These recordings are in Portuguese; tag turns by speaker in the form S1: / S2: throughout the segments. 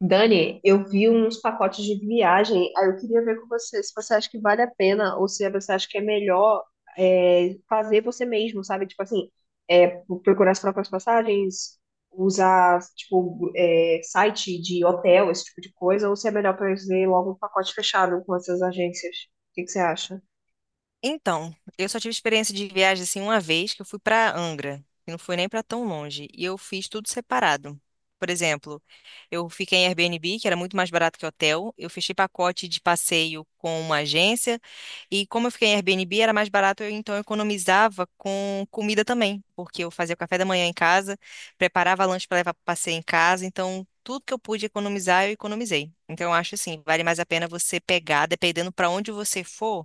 S1: Dani, eu vi uns pacotes de viagem, aí eu queria ver com você se você acha que vale a pena ou se você acha que é melhor fazer você mesmo, sabe? Tipo assim, é, procurar as próprias passagens, usar tipo site de hotel, esse tipo de coisa, ou se é melhor fazer logo um pacote fechado com essas agências. O que que você acha?
S2: Então, eu só tive experiência de viagem assim uma vez, que eu fui para Angra, que não foi nem para tão longe, e eu fiz tudo separado. Por exemplo, eu fiquei em Airbnb, que era muito mais barato que hotel, eu fechei pacote de passeio com uma agência, e como eu fiquei em Airbnb, era mais barato, então eu economizava com comida também, porque eu fazia o café da manhã em casa, preparava lanche para levar para passeio em casa, então tudo que eu pude economizar, eu economizei. Então, eu acho assim, vale mais a pena você pegar, dependendo para onde você for,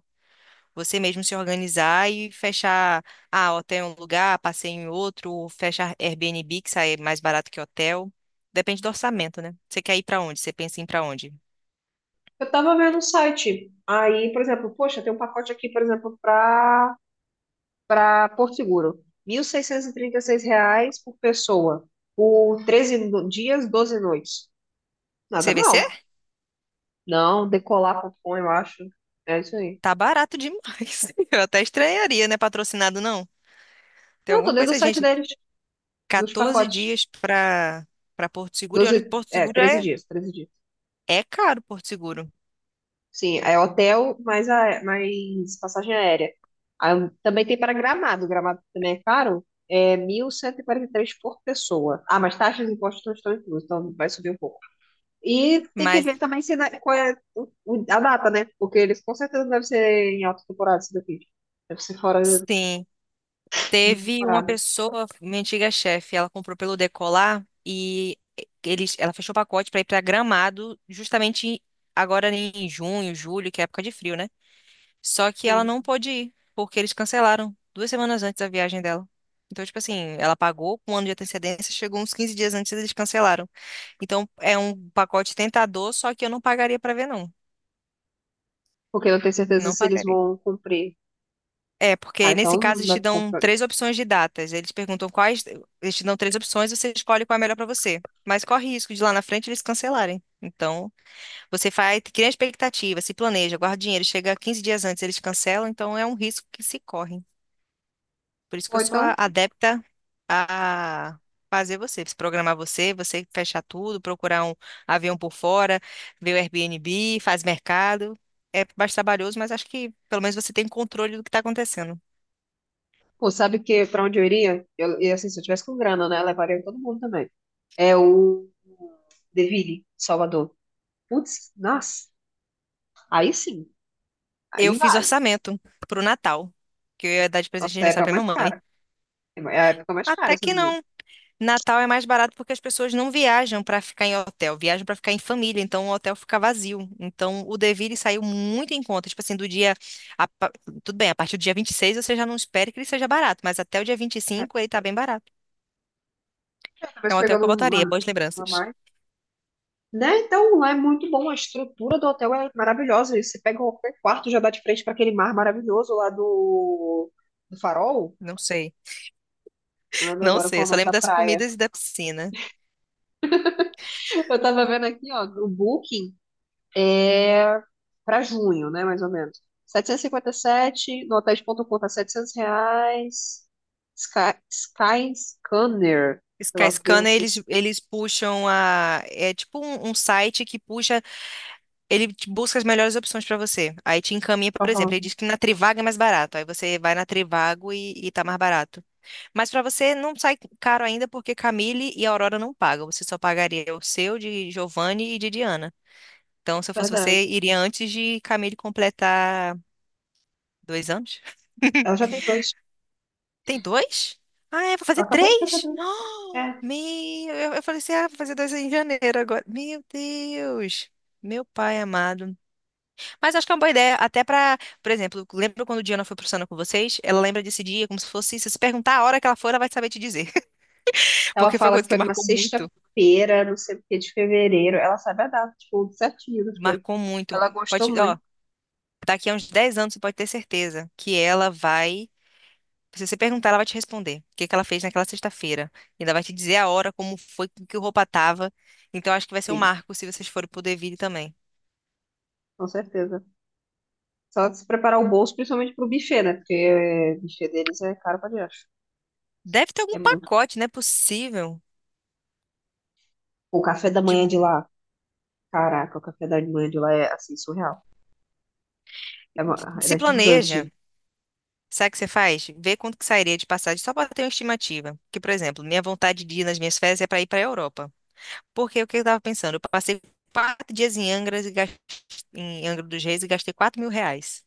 S2: você mesmo se organizar e fechar, hotel em um lugar, passeio em outro, ou fecha Airbnb, que sai mais barato que hotel. Depende do orçamento, né? Você quer ir pra onde? Você pensa em ir pra onde?
S1: Eu tava vendo o site, aí, por exemplo, poxa, tem um pacote aqui, por exemplo, para Porto Seguro. R$ 1.636 por pessoa, por 13 dias, 12 noites. Nada
S2: CVC?
S1: mal. Não, decolar.com, eu acho. É isso aí.
S2: Tá barato demais. Eu até estranharia, né? Patrocinado não. Tem
S1: Não, tô
S2: alguma
S1: dentro do
S2: coisa,
S1: site
S2: gente.
S1: deles, nos
S2: 14
S1: pacotes.
S2: dias pra para Porto Seguro. E olha que
S1: 12
S2: Porto Seguro
S1: treze
S2: é
S1: dias, 13 dias.
S2: é caro, Porto Seguro.
S1: Sim, é hotel mais passagem aérea. Aí, também tem para Gramado, Gramado também é caro. É mil cento e quarenta e três por pessoa. Ah, mas taxas e impostos não estão inclusos, então vai subir um pouco. E tem que
S2: Mas
S1: ver também se qual é a data, né? Porque eles com certeza devem ser em alta temporada isso daqui. Deve ser fora
S2: sim,
S1: de
S2: teve uma
S1: temporada.
S2: pessoa, minha antiga chefe, ela comprou pelo Decolar e ela fechou o pacote para ir para Gramado justamente agora em junho, julho, que é época de frio, né? Só que ela
S1: Sim.
S2: não pôde ir, porque eles cancelaram 2 semanas antes da viagem dela. Então, tipo assim, ela pagou com um ano de antecedência, chegou uns 15 dias antes e eles cancelaram. Então, é um pacote tentador, só que eu não pagaria para ver, não.
S1: Porque eu não tenho certeza
S2: Não
S1: se eles
S2: pagaria.
S1: vão cumprir.
S2: É,
S1: Ah,
S2: porque nesse caso
S1: então
S2: eles te
S1: deve
S2: dão
S1: cumprir.
S2: três opções de datas. Eles perguntam quais. Eles te dão três opções, você escolhe qual é a melhor para você. Mas corre risco de lá na frente eles cancelarem. Então, você faz, cria expectativa, se planeja, guarda dinheiro, chega 15 dias antes, eles cancelam, então é um risco que se corre. Por isso que
S1: Ou
S2: eu sou
S1: então,
S2: adepta a fazer você, se programar, você, você fechar tudo, procurar um avião por fora, ver o Airbnb, faz mercado. É mais trabalhoso, mas acho que pelo menos você tem controle do que está acontecendo.
S1: pô, sabe que pra onde eu iria? Eu, e assim, se eu tivesse com grana, né? Eu levaria todo mundo também. É o Deville, Salvador. Putz, nossa, aí sim,
S2: Eu
S1: aí
S2: fiz
S1: vale.
S2: orçamento pro Natal, que eu ia dar de presente
S1: Nossa,
S2: de
S1: é a
S2: aniversário
S1: época
S2: pra
S1: mais
S2: minha mãe.
S1: cara. É a época mais cara,
S2: Até
S1: se eu
S2: que
S1: não me engano.
S2: não. Natal é mais barato porque as pessoas não viajam pra ficar em hotel, viajam pra ficar em família, então o hotel fica vazio. Então o Deville saiu muito em conta, tipo assim, do dia a pa- tudo bem, a partir do dia 26 você já não espere que ele seja barato, mas até o dia
S1: É,
S2: 25 ele tá bem barato. É
S1: mas
S2: um hotel que
S1: pegando
S2: eu voltaria, boas
S1: uma
S2: lembranças.
S1: mais. Né? Então é muito bom, a estrutura do hotel é maravilhosa. E você pega qualquer quarto, já dá de frente para aquele mar maravilhoso lá do, do Farol.
S2: Não sei.
S1: Não lembro
S2: Não
S1: agora
S2: sei,
S1: qual
S2: eu
S1: é o
S2: só
S1: nome
S2: lembro
S1: da
S2: das
S1: praia.
S2: comidas e da piscina.
S1: Eu tava vendo aqui, ó, o Booking é para junho, né, mais ou menos. 757 no hotéis ponto hotéis.com tá R$ 700. Sky, Sky Scanner, sei lá o que,
S2: Skyscanner, eles,
S1: vocês.
S2: eles puxam a. É tipo um site que puxa. Ele te busca as melhores opções para você. Aí te encaminha, por exemplo, ele
S1: Aham,
S2: diz que na Trivago é mais barato. Aí você vai na Trivago e tá mais barato. Mas para você não sai caro ainda porque Camille e Aurora não pagam. Você só pagaria o seu, de Giovanni e de Diana. Então, se eu fosse
S1: verdade.
S2: você, iria antes de Camille completar 2 anos.
S1: Ela já tem dois.
S2: Tem dois? Ah, é, vou fazer
S1: Ela acabou de fazer
S2: três.
S1: dois.
S2: Oh,
S1: É.
S2: meu, eu falei assim, ah, vou fazer dois em janeiro agora. Meu Deus, meu pai amado. Mas acho que é uma boa ideia, até pra, por exemplo, lembra quando Diana foi pro Sana com vocês? Ela lembra desse dia como se fosse, se você perguntar a hora que ela for, ela vai saber te dizer.
S1: Ela
S2: Porque foi uma
S1: fala que
S2: coisa que
S1: foi numa
S2: marcou muito,
S1: sexta-feira, não sei o que, de fevereiro. Ela sabe a data, tipo, certinho das coisas.
S2: marcou muito.
S1: Ela gostou
S2: Pode, ó,
S1: muito,
S2: daqui a uns 10 anos você pode ter certeza. Que ela vai Se você perguntar, ela vai te responder o que que ela fez naquela sexta-feira. E ela vai te dizer a hora, como foi, com que roupa tava. Então, acho que vai ser um
S1: sim,
S2: marco se vocês forem pro Deville também.
S1: com certeza. Só de se preparar o bolso, principalmente pro buffet, né? Porque o buffet deles é caro pra diacho.
S2: Deve ter algum
S1: É muito.
S2: pacote, né possível.
S1: O café da
S2: De,
S1: manhã de
S2: co-
S1: lá, caraca, o café da manhã de lá é, assim, surreal. É,
S2: Se
S1: era gigante.
S2: planeja. Sabe o que você faz? Vê quanto que sairia de passagem só para ter uma estimativa. Que, por exemplo, minha vontade de ir nas minhas férias é para ir para a Europa. Porque o que eu estava pensando? Eu passei 4 dias em Angra e em Angra dos Reis e gastei R$ 4.000.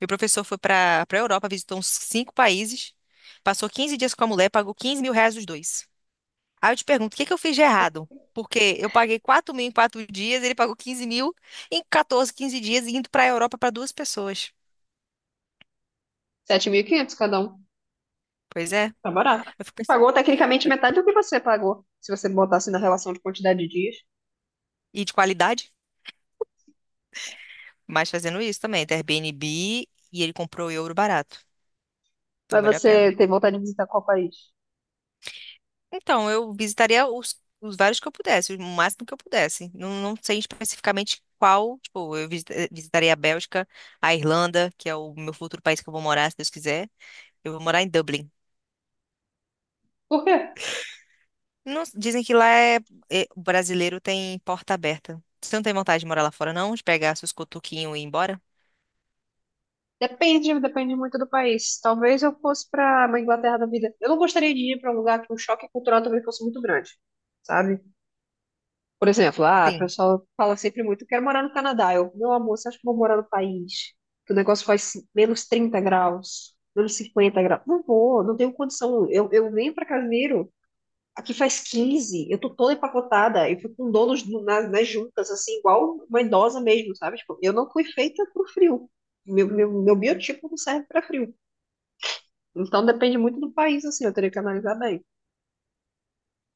S2: Meu professor foi para a Europa, visitou uns cinco países, passou 15 dias com a mulher, pagou R$ 15.000 os dois. Aí eu te pergunto, o que que eu fiz de errado? Porque eu paguei 4.000 em 4 dias, ele pagou 15.000 em 14, 15 dias, indo para a Europa para duas pessoas.
S1: 7.500 cada um.
S2: Pois é,
S1: Tá barato.
S2: eu fico pensando.
S1: Pagou tecnicamente metade do que você pagou, se você botasse na relação de quantidade de dias.
S2: E de qualidade, mas fazendo isso também, do Airbnb, e ele comprou euro barato. Então
S1: Mas
S2: valeu a pena.
S1: você tem vontade de visitar qual país?
S2: Então, eu visitaria os vários que eu pudesse, o máximo que eu pudesse. Não, não sei especificamente qual, tipo, visitaria a Bélgica, a Irlanda, que é o meu futuro país que eu vou morar, se Deus quiser. Eu vou morar em Dublin.
S1: Por quê?
S2: Dizem que lá o brasileiro tem porta aberta. Você não tem vontade de morar lá fora, não? De pegar seus cotoquinhos e ir embora?
S1: Depende, depende muito do país. Talvez eu fosse para uma Inglaterra da vida. Eu não gostaria de ir para um lugar que o choque cultural também fosse muito grande, sabe? Por exemplo, ah, o
S2: Sim.
S1: pessoal fala sempre muito, quero morar no Canadá. Eu, meu amor, você acha que eu vou morar no país? Que o negócio faz menos 30 graus, menos 50 graus. Não vou, não tenho condição. Eu venho para Casimiro. Aqui faz 15, eu tô toda empacotada, eu fico com donos nas juntas, assim, igual uma idosa mesmo, sabe? Tipo, eu não fui feita pro frio. Meu biotipo não serve para frio. Então depende muito do país, assim, eu teria que analisar bem.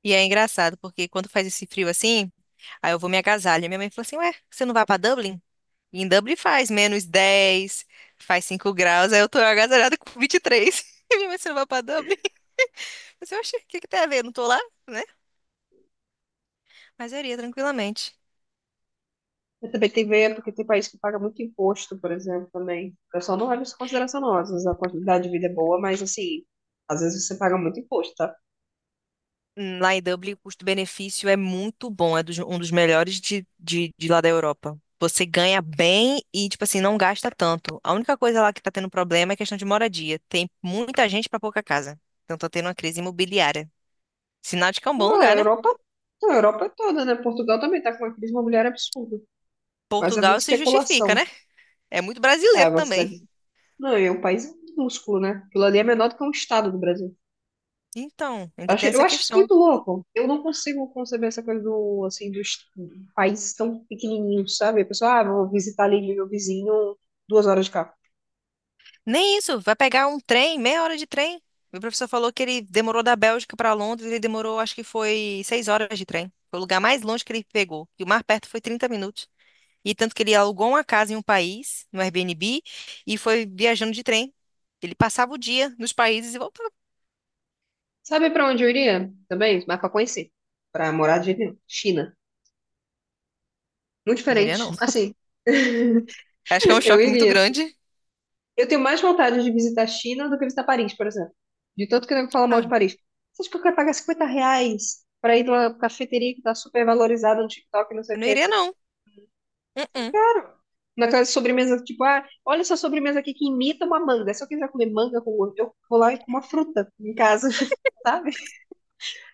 S2: E é engraçado, porque quando faz esse frio assim, aí eu vou me agasalho. Minha mãe falou assim, ué, você não vai pra Dublin? Em Dublin faz -10, faz 5 graus, aí eu tô agasalhada com 23. E três. E minha mãe, você não vai pra Dublin? Mas eu achei, o que que tem a ver? Eu não tô lá, né? Mas eu iria tranquilamente.
S1: Eu também tem que ver, porque tem país que paga muito imposto, por exemplo, também. O pessoal não leva isso em consideração, não. Às vezes a quantidade de vida é boa, mas assim, às vezes você paga muito imposto, tá?
S2: Lá em Dublin, o custo-benefício é muito bom, é um dos melhores de lá da Europa. Você ganha bem e, tipo assim, não gasta tanto. A única coisa lá que tá tendo problema é questão de moradia. Tem muita gente pra pouca casa. Então tá tendo uma crise imobiliária. Sinal de que é um bom
S1: Então,
S2: lugar, né?
S1: A Europa é toda, né? Portugal também tá com uma crise imobiliária absurda, mas é
S2: Portugal
S1: muita
S2: se justifica,
S1: especulação.
S2: né? É muito
S1: Ah, é
S2: brasileiro
S1: uma
S2: também.
S1: cidade. Não, é um país minúsculo, né? Aquilo ali é menor do que um estado do Brasil.
S2: Então,
S1: Eu
S2: ainda
S1: acho,
S2: tem
S1: eu
S2: essa
S1: acho isso
S2: questão.
S1: muito louco. Eu não consigo conceber essa coisa do, assim, do país tão pequenininho, sabe? A pessoa, ah, vou visitar ali meu vizinho 2 horas de carro.
S2: Nem isso, vai pegar um trem, meia hora de trem. Meu professor falou que ele demorou da Bélgica para Londres, ele demorou, acho que foi 6 horas de trem. Foi o lugar mais longe que ele pegou. E o mais perto foi 30 minutos. E tanto que ele alugou uma casa em um país, no Airbnb, e foi viajando de trem. Ele passava o dia nos países e voltava.
S1: Sabe pra onde eu iria também? Mas pra conhecer. Pra morar de jeito nenhum. China. Muito
S2: Não iria, não.
S1: diferente. Assim,
S2: Acho que é um
S1: eu
S2: choque muito
S1: iria. Assim.
S2: grande.
S1: Eu tenho mais vontade de visitar a China do que visitar Paris, por exemplo. De tanto que eu fala mal de
S2: Ah,
S1: Paris. Você acha que eu quero pagar R$ 50 pra ir numa cafeteria que tá super valorizada no TikTok, não sei o
S2: eu não
S1: que, não
S2: iria,
S1: sei o que.
S2: não. Uh-uh.
S1: Naquela sobremesa, tipo, ah, olha essa sobremesa aqui que imita uma manga. Se eu quiser comer manga, eu vou lá e como uma fruta em casa, sabe?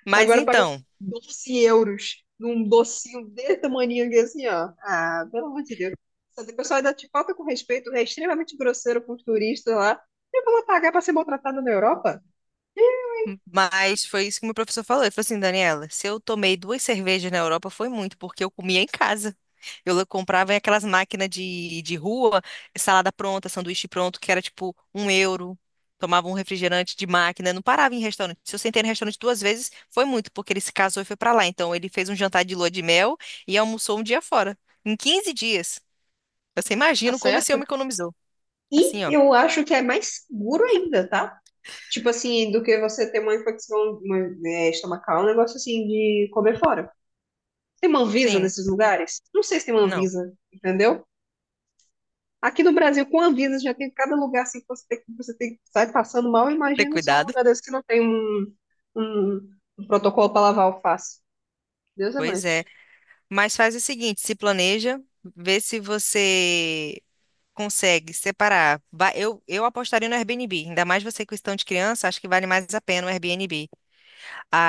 S2: Mas
S1: Agora pagar
S2: então.
S1: € 12 num docinho desse tamaninho aqui, assim, ó. Ah, pelo amor de Deus. O pessoal ainda te falta com respeito, é extremamente grosseiro com os turistas lá. Eu vou lá pagar pra ser maltratado na Europa?
S2: Mas foi isso que meu professor falou. Ele falou assim, Daniela, se eu tomei duas cervejas na Europa foi muito, porque eu comia em casa. Comprava aquelas máquinas de rua, salada pronta, sanduíche pronto, que era tipo 1 euro. Tomava um refrigerante de máquina, não parava em restaurante. Se eu sentei no restaurante duas vezes, foi muito, porque ele se casou e foi pra lá. Então ele fez um jantar de lua de mel e almoçou um dia fora, em 15 dias. Você
S1: Tá
S2: imagina como esse
S1: certo?
S2: homem economizou.
S1: E
S2: Assim, ó.
S1: eu acho que é mais seguro ainda, tá? Tipo assim, do que você ter uma infecção estomacal, um negócio assim de comer fora. Tem uma Anvisa
S2: Sim,
S1: nesses lugares? Não sei se tem uma
S2: não.
S1: Anvisa, entendeu? Aqui no Brasil, com Anvisa, já tem cada lugar assim que você tem, você tem que sair passando mal.
S2: Ter
S1: Imagina só um
S2: cuidado.
S1: lugar desse que não tem um, protocolo para lavar alface. Deus é
S2: Pois
S1: mais.
S2: é. Mas faz o seguinte, se planeja, vê se você consegue separar. Eu apostaria no Airbnb, ainda mais você com questão de criança, acho que vale mais a pena o Airbnb.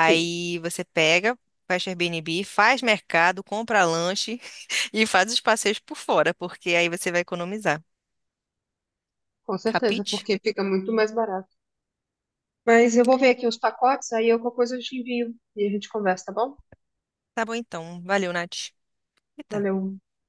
S1: Sim,
S2: você pega, fecha o Airbnb, faz mercado, compra lanche e faz os passeios por fora, porque aí você vai economizar.
S1: com certeza,
S2: Capite?
S1: porque fica muito mais barato. Mas eu vou ver aqui os pacotes, aí qualquer coisa eu te envio e a gente conversa, tá bom?
S2: Tá bom então. Valeu, Nath. Eita.
S1: Valeu.